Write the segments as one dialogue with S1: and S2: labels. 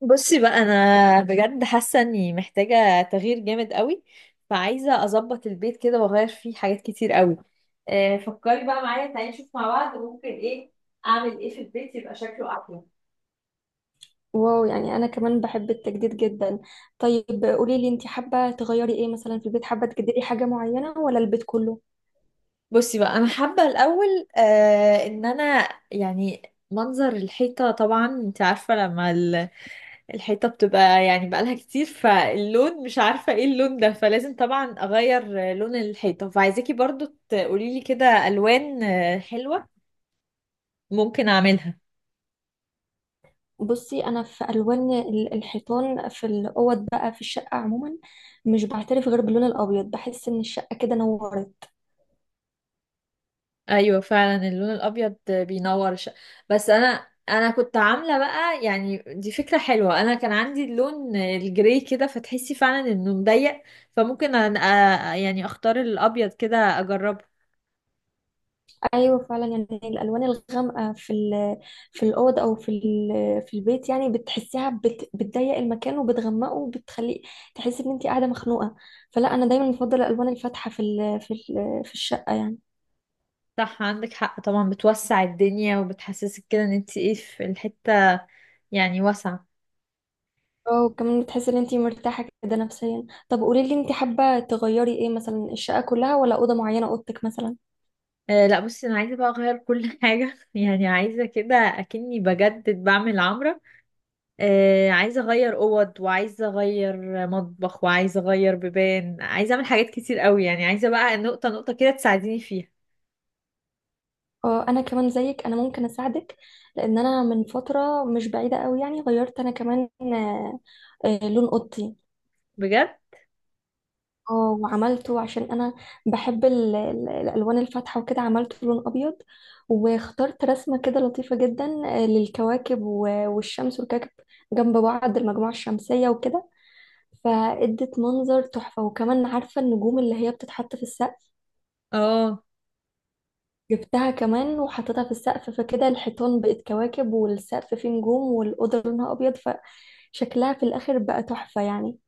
S1: بصي بقى، انا بجد حاسه اني محتاجه تغيير جامد قوي. فعايزه اظبط البيت كده واغير فيه حاجات كتير قوي. فكري بقى معايا، تعالي نشوف مع بعض ممكن ايه اعمل ايه في البيت يبقى شكله احلى.
S2: واو، يعني انا كمان بحب التجديد جدا. طيب قولي لي انت حابه تغيري ايه مثلا في البيت، حابه تجددي حاجه معينه ولا البيت كله؟
S1: بصي بقى، انا حابه الاول ان انا يعني منظر الحيطه. طبعا انت عارفه لما الحيطه بتبقى يعني بقالها كتير، فاللون مش عارفه ايه اللون ده، فلازم طبعا اغير لون الحيطه. فعايزاكي برضو تقولي لي كده الوان حلوه ممكن اعملها.
S2: بصي، انا في الوان الحيطان في الاوض، بقى في الشقه عموما، مش بعترف غير باللون الابيض، بحس ان الشقه كده نورت.
S1: ايوه فعلا اللون الابيض بينور. بس انا كنت عامله بقى، يعني دي فكره حلوه. انا كان عندي اللون الجراي كده، فتحسي فعلا انه مضيق. فممكن أنا يعني اختار الابيض كده اجربه.
S2: ايوه فعلا، يعني الالوان الغامقه في الاوض او في في البيت يعني بتحسيها بتضيق المكان وبتغمقه وبتخليه تحسي ان انت قاعده مخنوقه. فلا، انا دايما بفضل الالوان الفاتحه في في الشقه يعني.
S1: صح، عندك حق. طبعا بتوسع الدنيا وبتحسسك كده ان انت ايه في الحته، يعني واسعه.
S2: اه، وكمان بتحسي ان انتي مرتاحة كده نفسيا. طب قولي لي، انتي حابة تغيري ايه مثلا، الشقة كلها ولا أوضة معينة، أوضتك مثلا؟
S1: أه لا، بصي انا عايزه بقى اغير كل حاجه. يعني عايزه كده اكني بجدد بعمل عمرة. عايزة أغير أوض، وعايزة أغير مطبخ، وعايزة أغير بيبان، عايزة أعمل حاجات كتير قوي. يعني عايزة بقى نقطة نقطة كده تساعديني فيها.
S2: اه، انا كمان زيك، انا ممكن اساعدك، لان انا من فترة مش بعيدة قوي يعني غيرت انا كمان لون اوضتي.
S1: بجد؟
S2: اه، وعملته عشان انا بحب الالوان الفاتحة، وكده عملته لون ابيض، واخترت رسمة كده لطيفة جدا، للكواكب والشمس والكواكب جنب بعض، المجموعة الشمسية وكده، فادت منظر تحفة. وكمان عارفة النجوم اللي هي بتتحط في السقف؟
S1: اه
S2: جبتها كمان وحطيتها في السقف، فكده الحيطان بقت كواكب والسقف فيه نجوم والأوضة لونها أبيض، فشكلها في الآخر بقى تحفة يعني.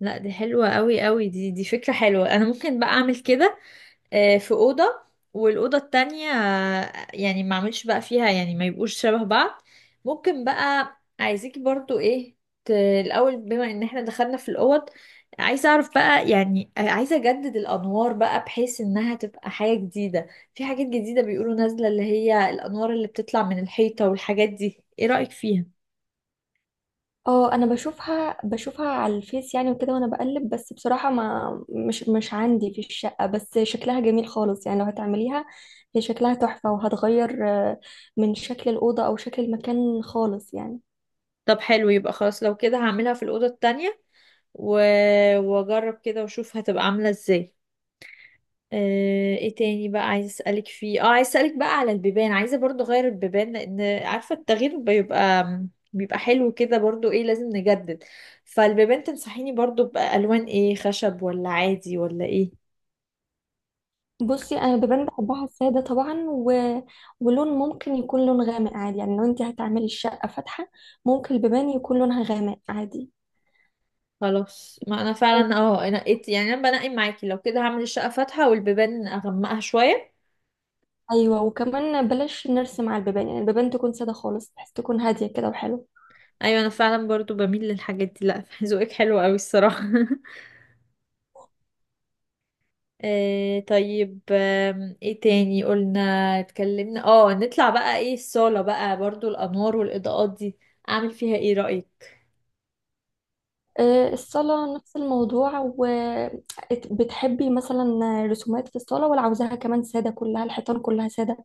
S1: لا، دي حلوة قوي قوي. دي فكرة حلوة، أنا ممكن بقى أعمل كده في أوضة، والأوضة التانية يعني ما اعملش بقى فيها، يعني ما يبقوش شبه بعض. ممكن بقى عايزيكي برضو ايه، الأول بما ان احنا دخلنا في الأوض، عايزة اعرف بقى يعني عايزة اجدد الأنوار بقى بحيث انها تبقى حاجة جديدة. في حاجات جديدة بيقولوا نازلة اللي هي الأنوار اللي بتطلع من الحيطة، والحاجات دي ايه رأيك فيها؟
S2: اه، انا بشوفها بشوفها على الفيس يعني وكده، وانا بقلب، بس بصراحة ما مش عندي في الشقة، بس شكلها جميل خالص يعني. لو هتعمليها هي شكلها تحفة، وهتغير من شكل الأوضة أو شكل المكان خالص يعني.
S1: طب حلو، يبقى خلاص لو كده هعملها في الأوضة التانية و... واجرب كده واشوف هتبقى عاملة ازاي. ايه تاني بقى عايزه اسالك فيه؟ اه عايزه اسالك بقى على البيبان. عايزه برضو اغير البيبان، لان عارفه التغيير بيبقى حلو كده، برضو ايه لازم نجدد. فالبيبان تنصحيني برضو بالوان ايه، خشب ولا عادي ولا ايه؟
S2: بصي، انا بيبان بحبها الساده طبعا، ولون ممكن يكون لون غامق عادي يعني. لو انت هتعملي الشقه فاتحه، ممكن البيبان يكون لونها غامق عادي.
S1: خلاص، ما انا فعلا نقيت. يعني انا بنقي معاكي، لو كده هعمل الشقه فاتحه والبيبان اغمقها شويه.
S2: ايوه، وكمان بلاش نرسم على البيبان، يعني البيبان تكون ساده خالص، بحيث تكون هاديه كده وحلو.
S1: ايوه، انا فعلا برضو بميل للحاجات دي. لا ذوقك حلو قوي الصراحه إيه طيب، ايه تاني قلنا اتكلمنا؟ اه نطلع بقى ايه الصالة بقى، برضو الأنوار والإضاءات دي أعمل فيها ايه رأيك؟
S2: الصاله نفس الموضوع. وبتحبي مثلا رسومات في الصاله، ولا عاوزاها كمان ساده كلها، الحيطان كلها ساده؟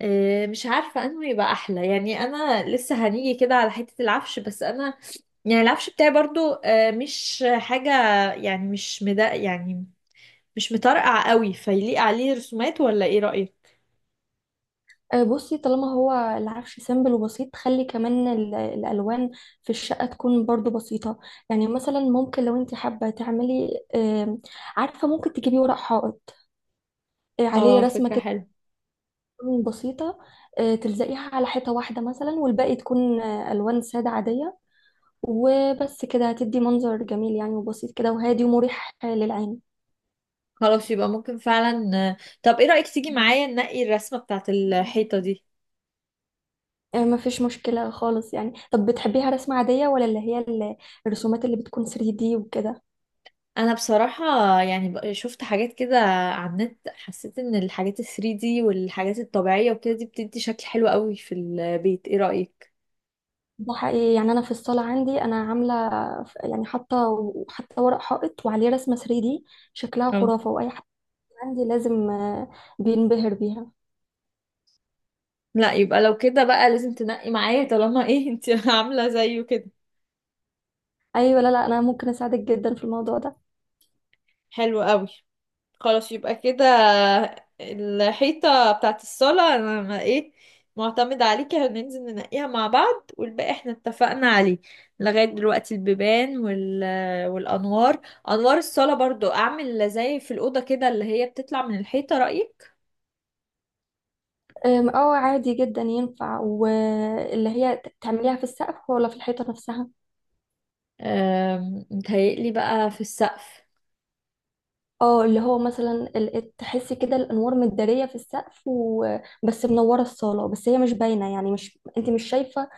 S1: إيه، مش عارفة انه يبقى أحلى. يعني أنا لسه هنيجي كده على حتة العفش، بس أنا يعني العفش بتاعي برضو مش حاجة، يعني مش مدا، يعني مش مطرقع قوي فيليق عليه رسومات، ولا ايه رأيك؟
S2: بصي، طالما هو العفش سيمبل وبسيط، خلي كمان الالوان في الشقه تكون برضو بسيطه. يعني مثلا، ممكن لو انت حابه تعملي، عارفه، ممكن تجيبي ورق حائط عليه
S1: اه
S2: رسمه
S1: فكرة
S2: كده
S1: حلوة.
S2: تكون بسيطه، تلزقيها على حيطه واحده مثلا، والباقي تكون الوان ساده عاديه، وبس كده هتدي منظر جميل يعني، وبسيط كده وهادي ومريح للعين.
S1: خلاص يبقى ممكن فعلا. طب ايه رأيك تيجي معايا ننقي الرسمة بتاعت الحيطة دي؟
S2: مفيش مشكله خالص يعني. طب بتحبيها رسمه عاديه، ولا اللي هي الرسومات اللي بتكون 3D وكده؟
S1: انا بصراحة يعني شفت حاجات كده على النت، حسيت ان الحاجات ال 3D والحاجات الطبيعية وكده دي بتدي شكل حلو قوي في البيت، ايه رأيك؟
S2: ده حقيقي، يعني انا في الصاله عندي انا عامله، يعني حاطه حتى ورق حائط وعليه رسمه 3D، شكلها
S1: اه
S2: خرافه، واي حد عندي لازم بينبهر بيها.
S1: لا، يبقى لو كده بقى لازم تنقي معايا، طالما ايه انت عاملة زيه كده.
S2: ايوه، لا لا، انا ممكن اساعدك جدا في الموضوع ده.
S1: حلو قوي، خلاص يبقى كده الحيطة بتاعت الصالة انا معتمدة عليكي. هننزل ننقيها مع بعض، والباقي احنا اتفقنا عليه لغاية دلوقتي، البيبان والأنوار. أنوار الصالة برضو أعمل زي في الأوضة كده، اللي هي بتطلع من الحيطة، رأيك؟
S2: اه عادي جدا، ينفع. واللي هي تعمليها في السقف ولا في الحيطه نفسها؟
S1: متهيألي بقى في السقف.
S2: اه، اللي هو مثلا تحسي كده الانوار متداريه في السقف، وبس منوره الصاله، بس هي مش باينه، يعني مش، انت مش شايفه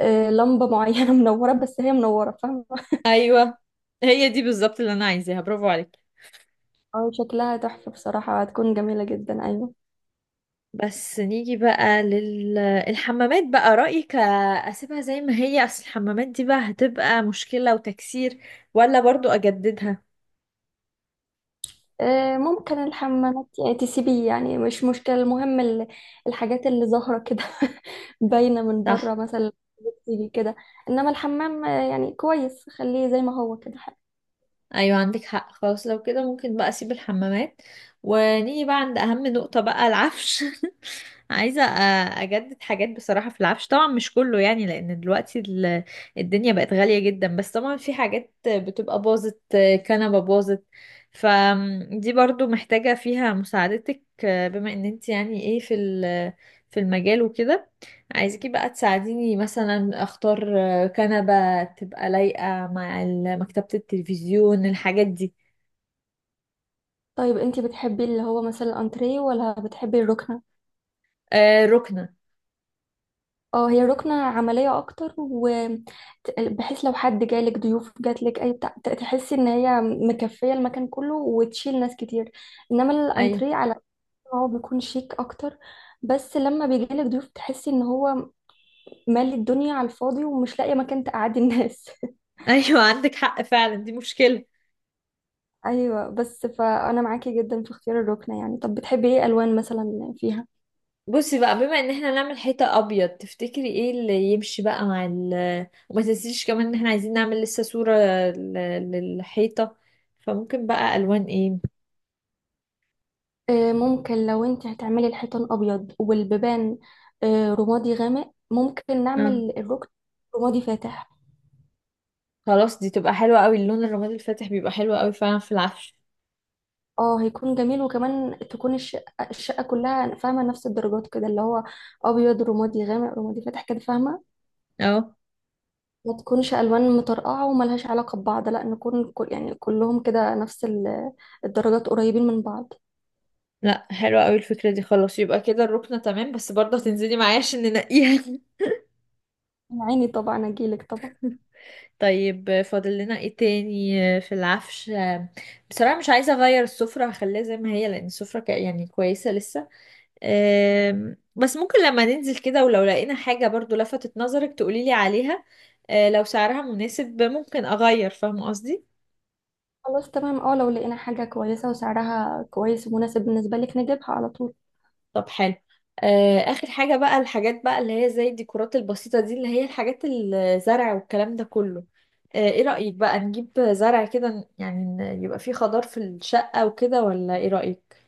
S2: لمبه معينه منوره، بس هي منوره، فاهمه؟
S1: أيوة، هي دي بالظبط اللي أنا عايزاها، برافو عليك.
S2: اه شكلها تحفة بصراحة، هتكون جميلة جدا، أيوة.
S1: بس نيجي بقى للحمامات بقى، رأيك؟ أسيبها زي ما هي، أصل الحمامات دي بقى هتبقى مشكلة وتكسير، ولا برضو أجددها؟
S2: ممكن الحمامات يعني تسيبيه، يعني مش مشكلة، المهم الحاجات اللي ظاهرة كده باينة من بره
S1: صح.
S2: مثلا تيجي كده. إنما الحمام يعني كويس، خليه زي ما هو كده حلو.
S1: ايوه، عندك حق. خلاص لو كده ممكن بقى اسيب الحمامات، ونيجي بقى عند اهم نقطة بقى، العفش. عايزة اجدد حاجات بصراحة في العفش. طبعا مش كله يعني، لان دلوقتي الدنيا بقت غالية جدا، بس طبعا في حاجات بتبقى باظت. كنبة باظت، فدي برضو محتاجة فيها مساعدتك بما ان انت يعني في المجال وكده. عايزاكي بقى تساعديني مثلا اختار كنبة تبقى لايقة مع مكتبة التلفزيون، الحاجات دي.
S2: طيب انتي بتحبي اللي هو مثلا الأنتريه ولا بتحبي الركنة؟
S1: آه، ركنة.
S2: اه، هي الركنة عملية أكتر، وبحيث لو حد جالك ضيوف جاتلك أي بتاع، تحسي إن هي مكفية المكان كله وتشيل ناس كتير. إنما
S1: أيوة.
S2: الأنتريه هو بيكون شيك اكتر، بس لما بيجيلك ضيوف بتحسي ان هو مالي الدنيا على الفاضي، ومش لاقيه مكان تقعدي الناس.
S1: أيوة عندك حق فعلا، دي مشكلة.
S2: ايوه، بس فانا معاكي جدا في اختيار الركنه يعني. طب بتحبي ايه الوان مثلا فيها؟
S1: بصي بقى، بما ان احنا نعمل حيطة أبيض، تفتكري ايه اللي يمشي بقى مع ال، وما تنسيش كمان ان احنا عايزين نعمل لسه صورة للحيطة، فممكن بقى ألوان ايه؟
S2: ممكن لو انت هتعملي الحيطان ابيض والبيبان رمادي غامق، ممكن
S1: آه.
S2: نعمل الركن رمادي فاتح.
S1: خلاص، دي تبقى حلوة قوي، اللون الرمادي الفاتح بيبقى حلو قوي فعلا في العفش.
S2: اه، هيكون جميل. وكمان تكون الشقه كلها فاهمه، نفس الدرجات كده، اللي هو ابيض، رمادي غامق، رمادي فاتح، كده فاهمه.
S1: اه
S2: ما تكونش الوان مطرقعه وملهاش علاقه ببعض، لا نكون كل، يعني كلهم كده نفس الدرجات، قريبين من بعض.
S1: لا، حلوة قوي الفكرة دي. خلاص يبقى كده الركنة تمام، بس برضه هتنزلي معايا عشان ننقيها.
S2: عيني طبعا، اجيلك طبعا.
S1: طيب فاضل لنا ايه تاني في العفش؟ بصراحة مش عايزة اغير السفرة، هخليها زي ما هي، لان السفرة يعني كويسة لسه. بس ممكن لما ننزل كده، ولو لقينا حاجة برضو لفتت نظرك تقوليلي عليها، لو سعرها مناسب ممكن اغير، فاهمة قصدي؟
S2: خلاص تمام، اه لو لقينا حاجه كويسه وسعرها كويس ومناسب بالنسبه لك نجيبها على طول.
S1: طب حلو. اخر حاجة بقى، الحاجات بقى اللي هي زي الديكورات البسيطة دي، اللي هي الحاجات الزرع والكلام ده كله. ايه رأيك بقى نجيب زرع كده، يعني يبقى فيه خضار في الشقة وكده، ولا ايه رأيك؟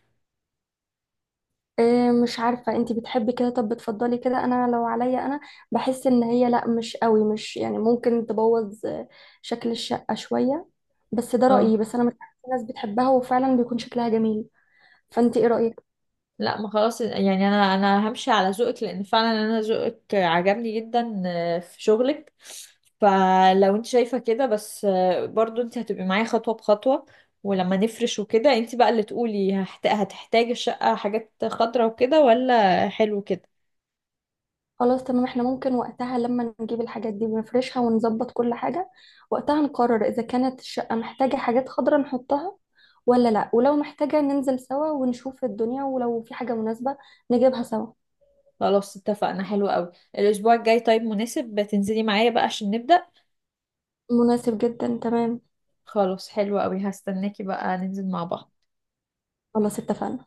S2: إيه، مش عارفه انتي بتحبي كده؟ طب بتفضلي كده؟ انا لو عليا انا بحس ان هي لا، مش قوي، مش يعني، ممكن تبوظ شكل الشقه شويه. بس ده رايي،
S1: اه
S2: بس انا مش عارفه، في ناس بتحبها وفعلا بيكون شكلها جميل. فانتي ايه رايك؟
S1: لا، ما خلاص، يعني انا همشي على ذوقك، لان فعلا انا ذوقك عجبني جدا في شغلك. فلو انت شايفة كده بس برضو انت هتبقي معايا خطوة بخطوة. ولما نفرش وكده، انت بقى اللي تقولي هتحتاجي الشقة حاجات خضرا وكده، ولا حلو كده.
S2: خلاص تمام، احنا ممكن وقتها لما نجيب الحاجات دي ونفرشها ونظبط كل حاجة، وقتها نقرر إذا كانت الشقة محتاجة حاجات خضراء نحطها ولا لأ. ولو محتاجة ننزل سوا ونشوف الدنيا، ولو في حاجة مناسبة نجيبها سوا.
S1: خلاص اتفقنا، حلو قوي. الاسبوع الجاي طيب مناسب تنزلي معايا بقى عشان نبدأ؟
S2: مناسب جدا، تمام.
S1: خلاص حلو قوي، هستناكي بقى ننزل مع بعض.
S2: خلاص اتفقنا.